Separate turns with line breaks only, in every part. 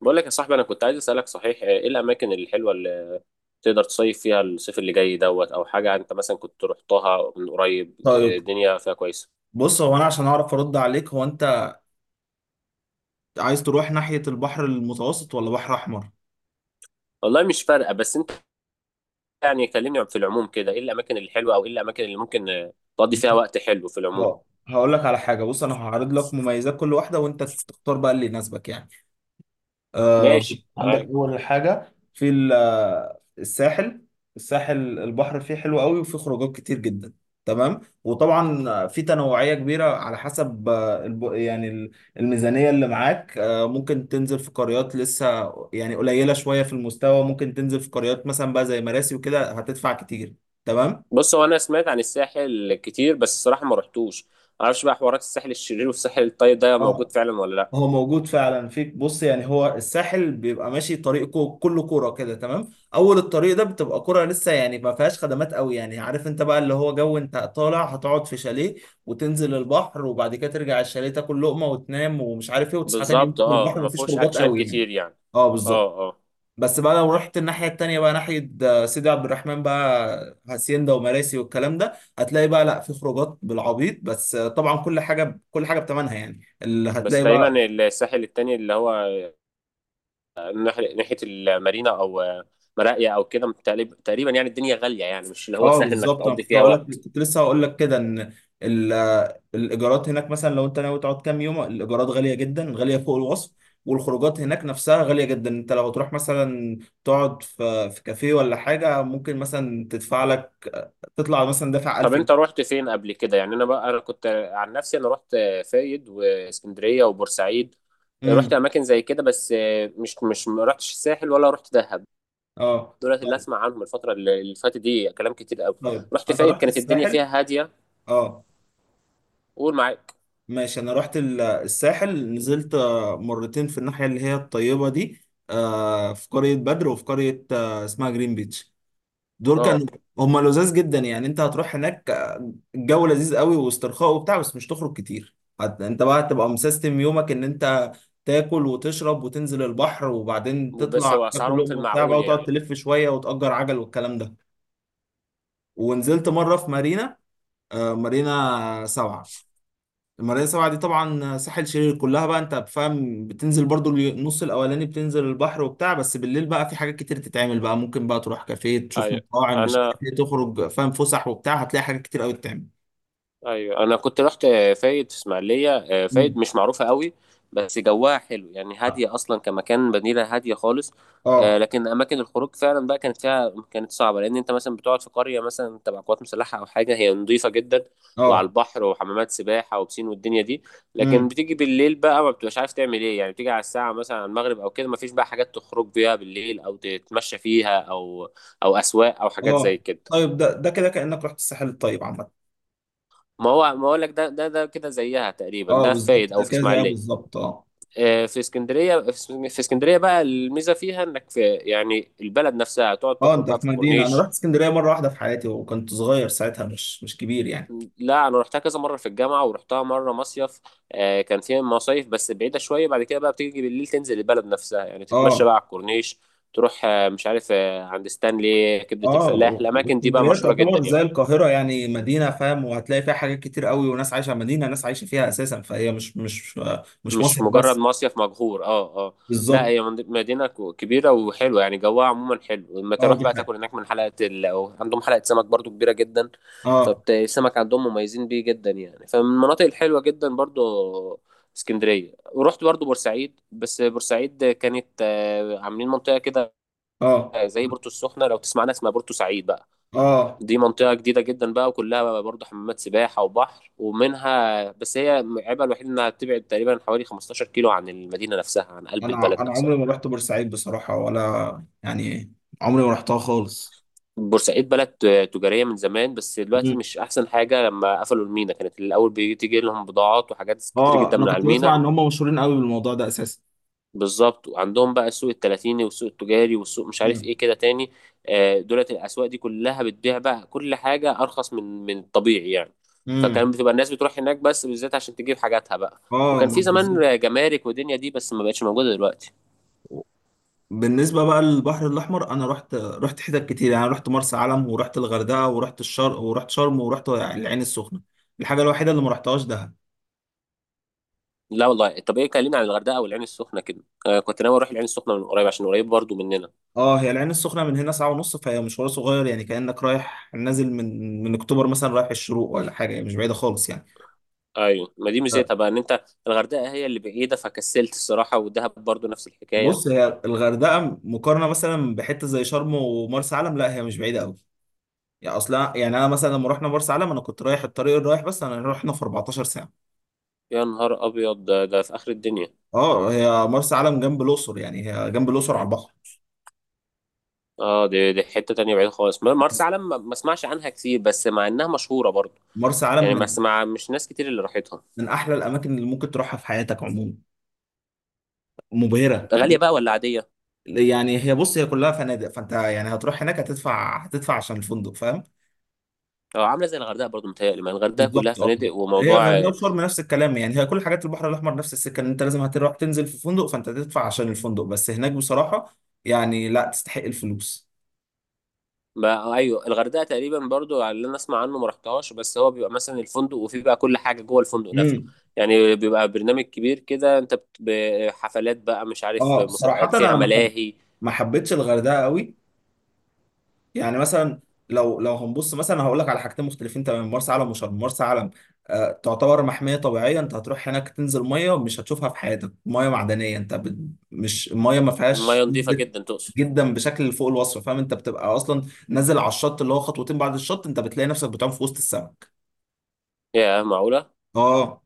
بقول لك يا صاحبي، انا كنت عايز اسالك. صحيح ايه الاماكن الحلوه اللي تقدر تصيف فيها الصيف اللي جاي دوت او حاجه؟ انت مثلا كنت رحتها من قريب، إيه
طيب.
الدنيا فيها كويسه؟
بص، هو انا عشان اعرف ارد عليك، هو انت عايز تروح ناحية البحر المتوسط ولا بحر احمر؟
والله مش فارقه، بس انت يعني كلمني في العموم كده، ايه الاماكن الحلوه او ايه الاماكن اللي ممكن تقضي فيها وقت حلو في العموم.
اه، هقول لك على حاجة. بص، انا هعرض لك مميزات كل واحدة وانت تختار بقى اللي يناسبك يعني. آه،
ماشي
عندك
عادي.
اول حاجه في ال- آه، الساحل. البحر فيه حلو قوي وفيه خروجات كتير جدا. تمام. وطبعا في تنوعية كبيرة على حسب، الميزانية اللي معاك. ممكن تنزل في قريات لسه يعني قليلة شوية في المستوى، ممكن تنزل في قريات مثلا بقى زي مراسي وكده هتدفع كتير. تمام.
بص، هو انا سمعت عن الساحل كتير بس الصراحه ما رحتوش. معرفش بقى حوارات الساحل الشرير والساحل الطيب ده موجود فعلا ولا لا.
هو موجود فعلا فيك. بص يعني هو الساحل بيبقى ماشي طريق كله كوره كده. تمام. اول الطريق ده بتبقى كوره لسه، يعني ما فيهاش خدمات قوي، يعني عارف انت بقى اللي هو جو، انت طالع هتقعد في شاليه وتنزل البحر وبعد كده ترجع الشاليه تاكل لقمه وتنام ومش عارف ايه وتصحى تاني يوم
بالظبط،
تنزل
اه،
البحر، ما
ما
فيش
فيهوش
خروجات
اكشن
قوي يعني.
كتير يعني.
اه
اه
بالظبط.
اه.
بس بقى لو رحت الناحيه التانيه بقى، ناحيه سيدي عبد الرحمن بقى، هاسيندا ومراسي والكلام ده، هتلاقي بقى لا في خروجات بالعبيط، بس طبعا كل حاجه كل حاجه بثمنها، يعني اللي
بس
هتلاقي بقى.
تقريبا الساحل التاني اللي هو ناحيه المارينا او مراقيه او كده تقريبا، يعني الدنيا غاليه، يعني مش اللي هو
اه
سهل انك
بالظبط، انا
تقضي
كنت
فيها
هقول لك،
وقت.
كنت لسه هقول لك كده ان ال- الايجارات هناك مثلا لو انت ناوي تقعد كام يوم، الايجارات غاليه جدا، غاليه فوق الوصف. والخروجات هناك نفسها غاليه جدا. انت لو تروح مثلا تقعد في كافيه ولا حاجه، ممكن مثلا تدفع لك، تطلع مثلا دافع
طب
1000
انت
جنيه
رحت فين قبل كده؟ يعني انا بقى انا كنت، عن نفسي انا رحت فايد واسكندريه وبورسعيد. رحت
امم.
اماكن زي كده بس مش ما رحتش الساحل ولا رحت دهب.
اه
دولت اللي
طيب.
اسمع عنهم الفتره اللي فاتت دي كلام كتير قوي.
طيب،
رحت
انا
فايد،
رحت
كانت الدنيا
الساحل.
فيها هاديه.
اه
قول معاك.
ماشي. انا رحت الساحل، نزلت مرتين في الناحيه اللي هي الطيبه دي، في قريه بدر وفي قريه اسمها جرين بيتش. دول
اه،
كانوا هم لذاذ جدا يعني. انت هتروح هناك الجو لذيذ قوي واسترخاء وبتاع، بس مش تخرج كتير. انت بقى هتبقى مسيستم يومك ان انت تاكل وتشرب وتنزل البحر، وبعدين
بس هو
تطلع تاكل
اسعارهم في
لقمه وبتاع بقى،
المعقول
وتقعد
يعني.
تلف شويه وتأجر عجل والكلام ده. ونزلت مره في مارينا، مارينا سبعة. المرايه سبعة دي طبعا ساحل شرير كلها بقى، انت بفهم بتنزل برضو النص الاولاني بتنزل البحر وبتاع، بس بالليل بقى في حاجات كتير تتعمل بقى، ممكن بقى تروح كافيه، تشوف
ايوه
مطاعم، مش
انا
عارف ايه، تخرج فاهم، فسح وبتاع، هتلاقي حاجات كتير قوي تتعمل.
ايوه انا كنت رحت فايد في اسماعيليه. فايد
مم.
مش معروفه قوي بس جواها حلو يعني، هاديه اصلا كمكان، مدينه هاديه خالص.
اه
لكن اماكن الخروج فعلا بقى كانت فيها، كانت صعبه، لان انت مثلا بتقعد في قريه مثلا تبع قوات مسلحه او حاجه، هي نظيفه جدا وعلى
اه.
البحر وحمامات سباحه وبسين والدنيا دي، لكن
امم.
بتيجي بالليل بقى ما بتبقاش عارف تعمل ايه، يعني بتيجي على الساعه مثلا على المغرب او كده ما فيش بقى حاجات تخرج بيها بالليل او تتمشى فيها او اسواق او حاجات زي
اه
كده.
طيب، ده كده كأنك رحت الساحل الطيب عامة.
ما هو ما اقول لك، ده كده زيها تقريبا،
اه
ده في
بالظبط،
فايد او
ده
في
كده زيها
اسماعيليه.
بالظبط اه.
في اسكندريه، في اسكندريه بقى الميزه فيها انك في يعني البلد نفسها تقعد
اه،
تخرج
انت
بقى في
في مدينة. انا رحت
الكورنيش.
اسكندرية مرة واحدة في حياتي وكنت صغير ساعتها، مش كبير يعني.
لا انا رحتها كذا مره في الجامعه ورحتها مره مصيف. كان فيها مصايف بس بعيده شويه، بعد كده بقى بتيجي بالليل تنزل البلد نفسها يعني تتمشى
اه
بقى على الكورنيش، تروح مش عارف عند ستانلي، كبده الفلاح،
اه.
الاماكن دي بقى
اسكندريه
مشهوره جدا
تعتبر زي
يعني.
القاهره، يعني مدينه فاهم، وهتلاقي فيها حاجات كتير قوي، وناس عايشه مدينه، ناس عايشه فيها اساسا، فهي مش
مش
مصيف
مجرد
بس.
مصيف مجهور، اه اه. لا
بالظبط.
هي مدينة كبيرة وحلوة يعني، جوها عموما حلو، لما
اه
تروح
دي
بقى
حاجه
تاكل هناك من حلقة أو عندهم حلقة سمك برضو كبيرة جدا.
اه
فالسمك عندهم مميزين بيه جدا يعني، فمن المناطق الحلوة جدا برضو اسكندرية. ورحت برضو بورسعيد، بس بورسعيد كانت عاملين منطقة كده
اه
زي بورتو السخنة لو تسمعنا، اسمها بورتو سعيد بقى.
اه.
دي منطقة جديدة جدا بقى وكلها بقى برضه حمامات سباحة وبحر، ومنها بس، هي عيبها الوحيد إنها بتبعد تقريبا حوالي 15 كيلو عن المدينة نفسها، عن قلب البلد
انا
نفسها.
عمري ما رحت بورسعيد بصراحه ولا يعني، عمري ما رحتها خالص.
بورسعيد بلد تجارية من زمان بس دلوقتي
مم.
مش أحسن حاجة، لما قفلوا المينا كانت الأول بتيجي لهم بضاعات وحاجات كتير
اه،
جدا
انا
من على
كنت بسمع
المينا.
ان هم مشهورين قوي بالموضوع ده اساسا.
بالظبط، وعندهم بقى السوق التلاتيني والسوق التجاري والسوق مش عارف
امم
ايه كده تاني. دولت الاسواق دي كلها بتبيع بقى كل حاجه ارخص من الطبيعي يعني.
امم.
فكان بتبقى الناس بتروح هناك بس بالذات عشان تجيب حاجاتها بقى.
اه
وكان
ما
في
بالظبط.
زمان جمارك ودنيا دي بس ما بقتش موجوده دلوقتي.
بالنسبة بقى للبحر الأحمر، أنا رحت حتت كتير، يعني رحت مرسى علم، ورحت الغردقة، ورحت الشرق، ورحت شرم، ورحت العين السخنة. الحاجة الوحيدة اللي ما رحتهاش دهب.
لا والله. طب ايه، كلمني عن الغردقه والعين السخنه كده. كنت ناوي اروح العين السخنه من قريب عشان قريب برضو مننا.
اه، هي العين السخنة من هنا ساعة ونص، فهي مشوار صغير، يعني كأنك رايح نازل من أكتوبر مثلا، رايح الشروق ولا حاجة، يعني مش بعيدة خالص يعني.
ايوه ما دي
ف-
ميزتها بقى، ان انت الغردقه هي اللي بعيده فكسلت الصراحه، والدهب برضو نفس الحكايه.
بص، هي الغردقة مقارنة مثلا بحتة زي شرم ومرسى علم، لا هي مش بعيدة أوي، يعني أصلا، يعني أنا مثلا لما رحنا مرسى علم، أنا كنت رايح الطريق الرايح بس، أنا رحنا في 14 ساعة.
يا نهار ابيض ده، ده في اخر الدنيا.
اه، هي مرسى علم جنب الاقصر، يعني هي جنب الاقصر على البحر.
اه دي حتة تانية بعيد خالص، مرسى
بس
علم ما اسمعش عنها كتير بس مع انها مشهورة برضو.
مرسى علم
يعني ما
من
اسمع مش ناس كتير اللي راحتها.
من احلى الاماكن اللي ممكن تروحها في حياتك عموما، مبهره
غالية بقى
بجد.
ولا عادية؟
يعني هي، بص، هي كلها فنادق، فانت يعني هتروح هناك هتدفع عشان الفندق فاهم.
اه، عاملة زي الغردقة برضو متهيألي، ما الغردقة كلها
بالظبط اه.
فنادق
هي
وموضوع
غردقه وشرم نفس الكلام، يعني هي كل حاجات البحر الاحمر نفس السكه، ان انت لازم هتروح تنزل في فندق، فانت هتدفع عشان الفندق. بس هناك بصراحه يعني لا تستحق الفلوس.
ما ايوه الغردقة تقريبا برضو على اللي انا اسمع عنه، ما رحتهاش، بس هو بيبقى مثلا الفندق وفيه بقى كل حاجة جوه الفندق نفسه.
امم.
يعني بيبقى برنامج كبير كده، انت حفلات بقى، مش عارف
اه صراحه،
مسابقات فيها
انا
ملاهي.
ما حبيتش الغردقه قوي. يعني مثلا، لو هنبص مثلا هقول لك على حاجتين مختلفين تماما، مرسى علم وشرم. مرسى علم تعتبر محمية طبيعية، انت هتروح هناك تنزل مية مش هتشوفها في حياتك، مية معدنية، انت بت... مش المية ما فيهاش
مياه نظيفة
نسبة،
جدا تقصد؟
جدا بشكل فوق الوصف فاهم. انت بتبقى اصلا نازل على الشط اللي هو خطوتين، بعد الشط انت بتلاقي نفسك بتعوم في وسط السمك.
يا معقولة؟
اه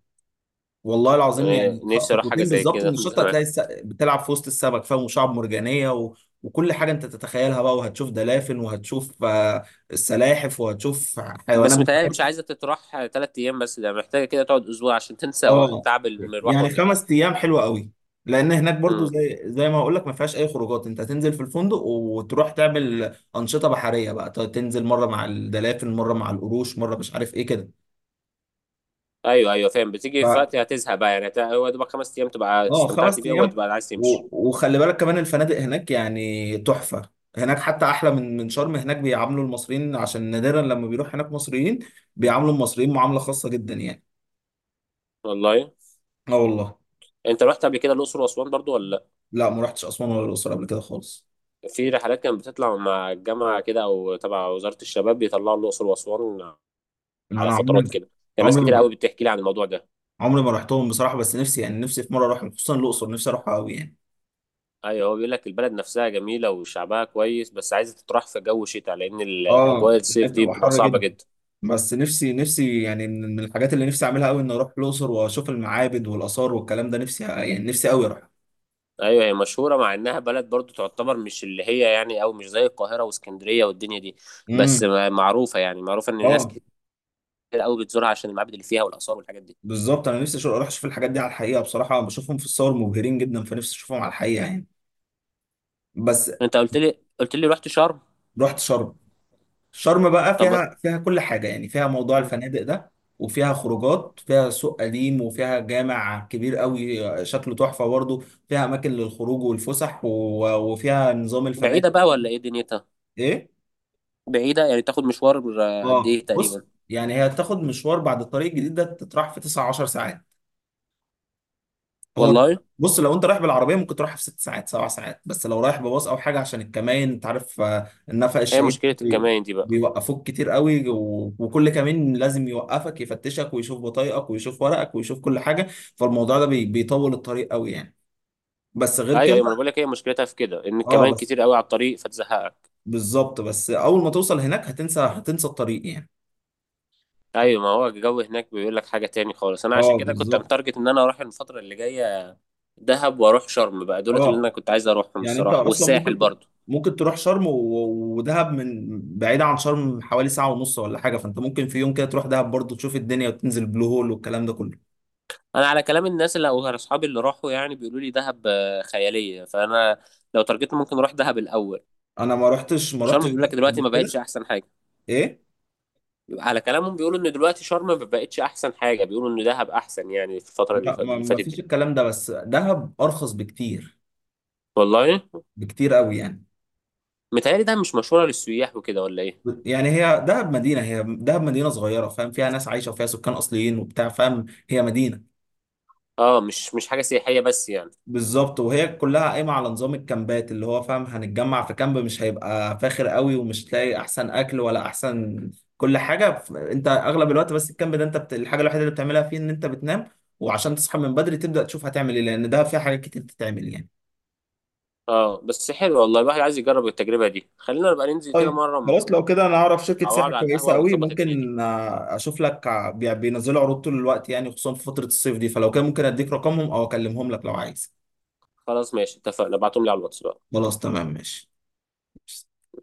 والله العظيم،
يعني
يعني
نفسي اروح حاجة
خطوتين
زي
بالظبط من
كده من
الشط
زمان.
هتلاقي الس... بتلعب في وسط السمك فاهم، وشعب مرجانية و... وكل حاجة انت تتخيلها بقى، وهتشوف دلافن، وهتشوف السلاحف، وهتشوف حيوانات
بس متهيألي مش
بحرية.
عايزة تتراح تلات أيام بس، ده محتاجة كده تقعد أسبوع عشان تنسى
اه،
تعب المروح
يعني
والمجاي.
5 ايام حلوة قوي، لان هناك برضو
امم.
زي ما هقول لك ما فيهاش اي خروجات، انت هتنزل في الفندق وتروح تعمل انشطة بحرية بقى، تنزل مرة مع الدلافن، مرة مع القروش، مرة مش عارف ايه كده.
أيوه أيوه فاهم، بتيجي في وقت هتزهق بقى يعني، هو دوبك خمس أيام تبقى
اه
استمتعت
خمس
بيها
ايام
وتبقى عايز تمشي.
وخلي بالك كمان الفنادق هناك يعني تحفه، هناك حتى احلى من شرم. هناك بيعاملوا المصريين، عشان نادرا لما بيروح هناك مصريين، بيعاملوا المصريين معامله خاصه جدا يعني.
والله.
اه والله.
أنت رحت قبل كده الأقصر وأسوان برضو ولا لأ؟
لا، ما رحتش اسوان ولا الاقصر قبل كده خالص.
في رحلات كانت بتطلع مع الجامعة كده أو تبع وزارة الشباب، بيطلعوا الأقصر وأسوان
انا
على
أنا عمري
فترات كده. كان ناس
عمري
كتير
ما
قوي بتحكي لي عن الموضوع ده.
عمري ما رحتهم بصراحه، بس نفسي يعني، نفسي في مره اروح خصوصا الاقصر، نفسي اروحها قوي يعني.
ايوه، هو بيقول لك البلد نفسها جميله وشعبها كويس بس عايزه تتراح في جو شتاء، لان الاجواء
اه، هناك
الصيف دي
بتبقى
بتبقى
حر
صعبه
جدا.
جدا.
بس نفسي يعني، من الحاجات اللي نفسي اعملها قوي ان اروح الاقصر واشوف المعابد والاثار والكلام ده، نفسي يعني، نفسي قوي اروح.
ايوه هي مشهوره، مع انها بلد برضو تعتبر مش اللي هي يعني، او مش زي القاهره واسكندريه والدنيا دي، بس
امم.
معروفه يعني، معروفه ان ناس
اه
كتير قوي بتزورها عشان المعابد اللي فيها والاثار والحاجات دي.
بالظبط، انا نفسي اروح اشوف الحاجات دي على الحقيقه بصراحه، بشوفهم في الصور مبهرين جدا، فنفسي اشوفهم على الحقيقه يعني. بس
انت قلت لي رحت شرم.
رحت شرم. شرم بقى
طب.
فيها كل حاجه، يعني فيها موضوع
م.
الفنادق ده، وفيها خروجات، فيها سوق قديم، وفيها جامع كبير قوي شكله تحفه برضه، فيها اماكن للخروج والفسح و... وفيها نظام الفنادق.
بعيده بقى ولا ايه دنيتها؟
ايه؟
بعيده يعني تاخد مشوار، قد
اه
ايه
بص،
تقريبا؟
يعني هي تاخد مشوار بعد الطريق الجديد ده، تتراح في 9 10 ساعات. هو،
والله.
بص لو انت رايح بالعربيه ممكن تروحها في 6 ساعات 7 ساعات، بس لو رايح بباص او حاجه، عشان الكمائن انت عارف، النفق
هي
الشهيد
مشكله الكمائن دي بقى.
بيوقفوك كتير قوي، وكل كمين لازم يوقفك، يفتشك ويشوف بطايقك ويشوف ورقك ويشوف كل حاجه، فالموضوع ده بيطول الطريق قوي يعني. بس غير
ايوه ايوه،
كده
ما انا بقول لك هي مشكلتها في كده، ان
اه،
الكمائن
بس
كتير قوي على الطريق فتزهقك.
بالظبط، بس اول ما توصل هناك هتنسى هتنسى الطريق يعني.
ايوه ما هو الجو هناك بيقول لك حاجه تاني خالص، انا عشان
اه
كده كنت
بالظبط
متارجت ان انا اروح الفتره اللي جايه دهب واروح شرم بقى، دولت اللي انا
اه،
كنت عايز اروحهم
يعني انت
الصراحه،
اصلا
والساحل
ممكن
برضو.
ممكن تروح شرم ودهب، من بعيدة عن شرم حوالي ساعة ونص ولا حاجة، فانت ممكن في يوم كده تروح دهب برضو تشوف الدنيا وتنزل بلو هول والكلام ده كله.
انا على كلام الناس اللي او اصحابي اللي راحوا يعني بيقولوا لي دهب خياليه، فانا لو ترجيت ممكن اروح دهب الاول.
انا ما رحتش
شرم بيقول لك
دهب قبل
دلوقتي ما بقتش
كده.
احسن حاجه،
ايه؟
على كلامهم بيقولوا ان دلوقتي شرم ما بقتش احسن حاجه، بيقولوا ان دهب احسن يعني في الفتره اللي
لا،
ف-
ما
اللي
ما
فاتت
فيش
دي.
الكلام ده، بس دهب ارخص بكتير،
والله.
بكتير قوي يعني.
متهيألي دهب مش مشهوره للسياح وكده ولا ايه؟
يعني هي دهب مدينة، هي دهب مدينة صغيرة فاهم، فيها ناس عايشة وفيها سكان اصليين وبتاع فاهم، هي مدينة.
اه مش حاجه سياحيه بس يعني.
بالظبط. وهي كلها قايمه على نظام الكامبات، اللي هو فاهم هنتجمع في كامب مش هيبقى فاخر قوي، ومش تلاقي احسن اكل ولا احسن كل حاجه، انت اغلب الوقت بس الكامب ده انت بت... الحاجه الوحيده اللي بتعملها فيه ان انت بتنام، وعشان تصحى من بدري تبدا تشوف هتعمل ايه، لان ده فيه حاجات كتير تتعمل يعني.
اه بس حلو والله، الواحد عايز يجرب التجربه دي، خلينا نبقى ننزل كده
طيب
مره
خلاص. لو كده انا اعرف شركه
مع
سياحه
بعض على
كويسه
القهوه
قوي،
ونظبط الدنيا دي.
ممكن اشوف لك، بينزلوا عروض طول الوقت يعني، خصوصا في فتره الصيف دي، فلو كده ممكن اديك رقمهم او اكلمهم لك لو عايز.
خلاص ماشي اتفقنا، ابعتهم لي على الواتس بقى.
خلاص تمام ماشي.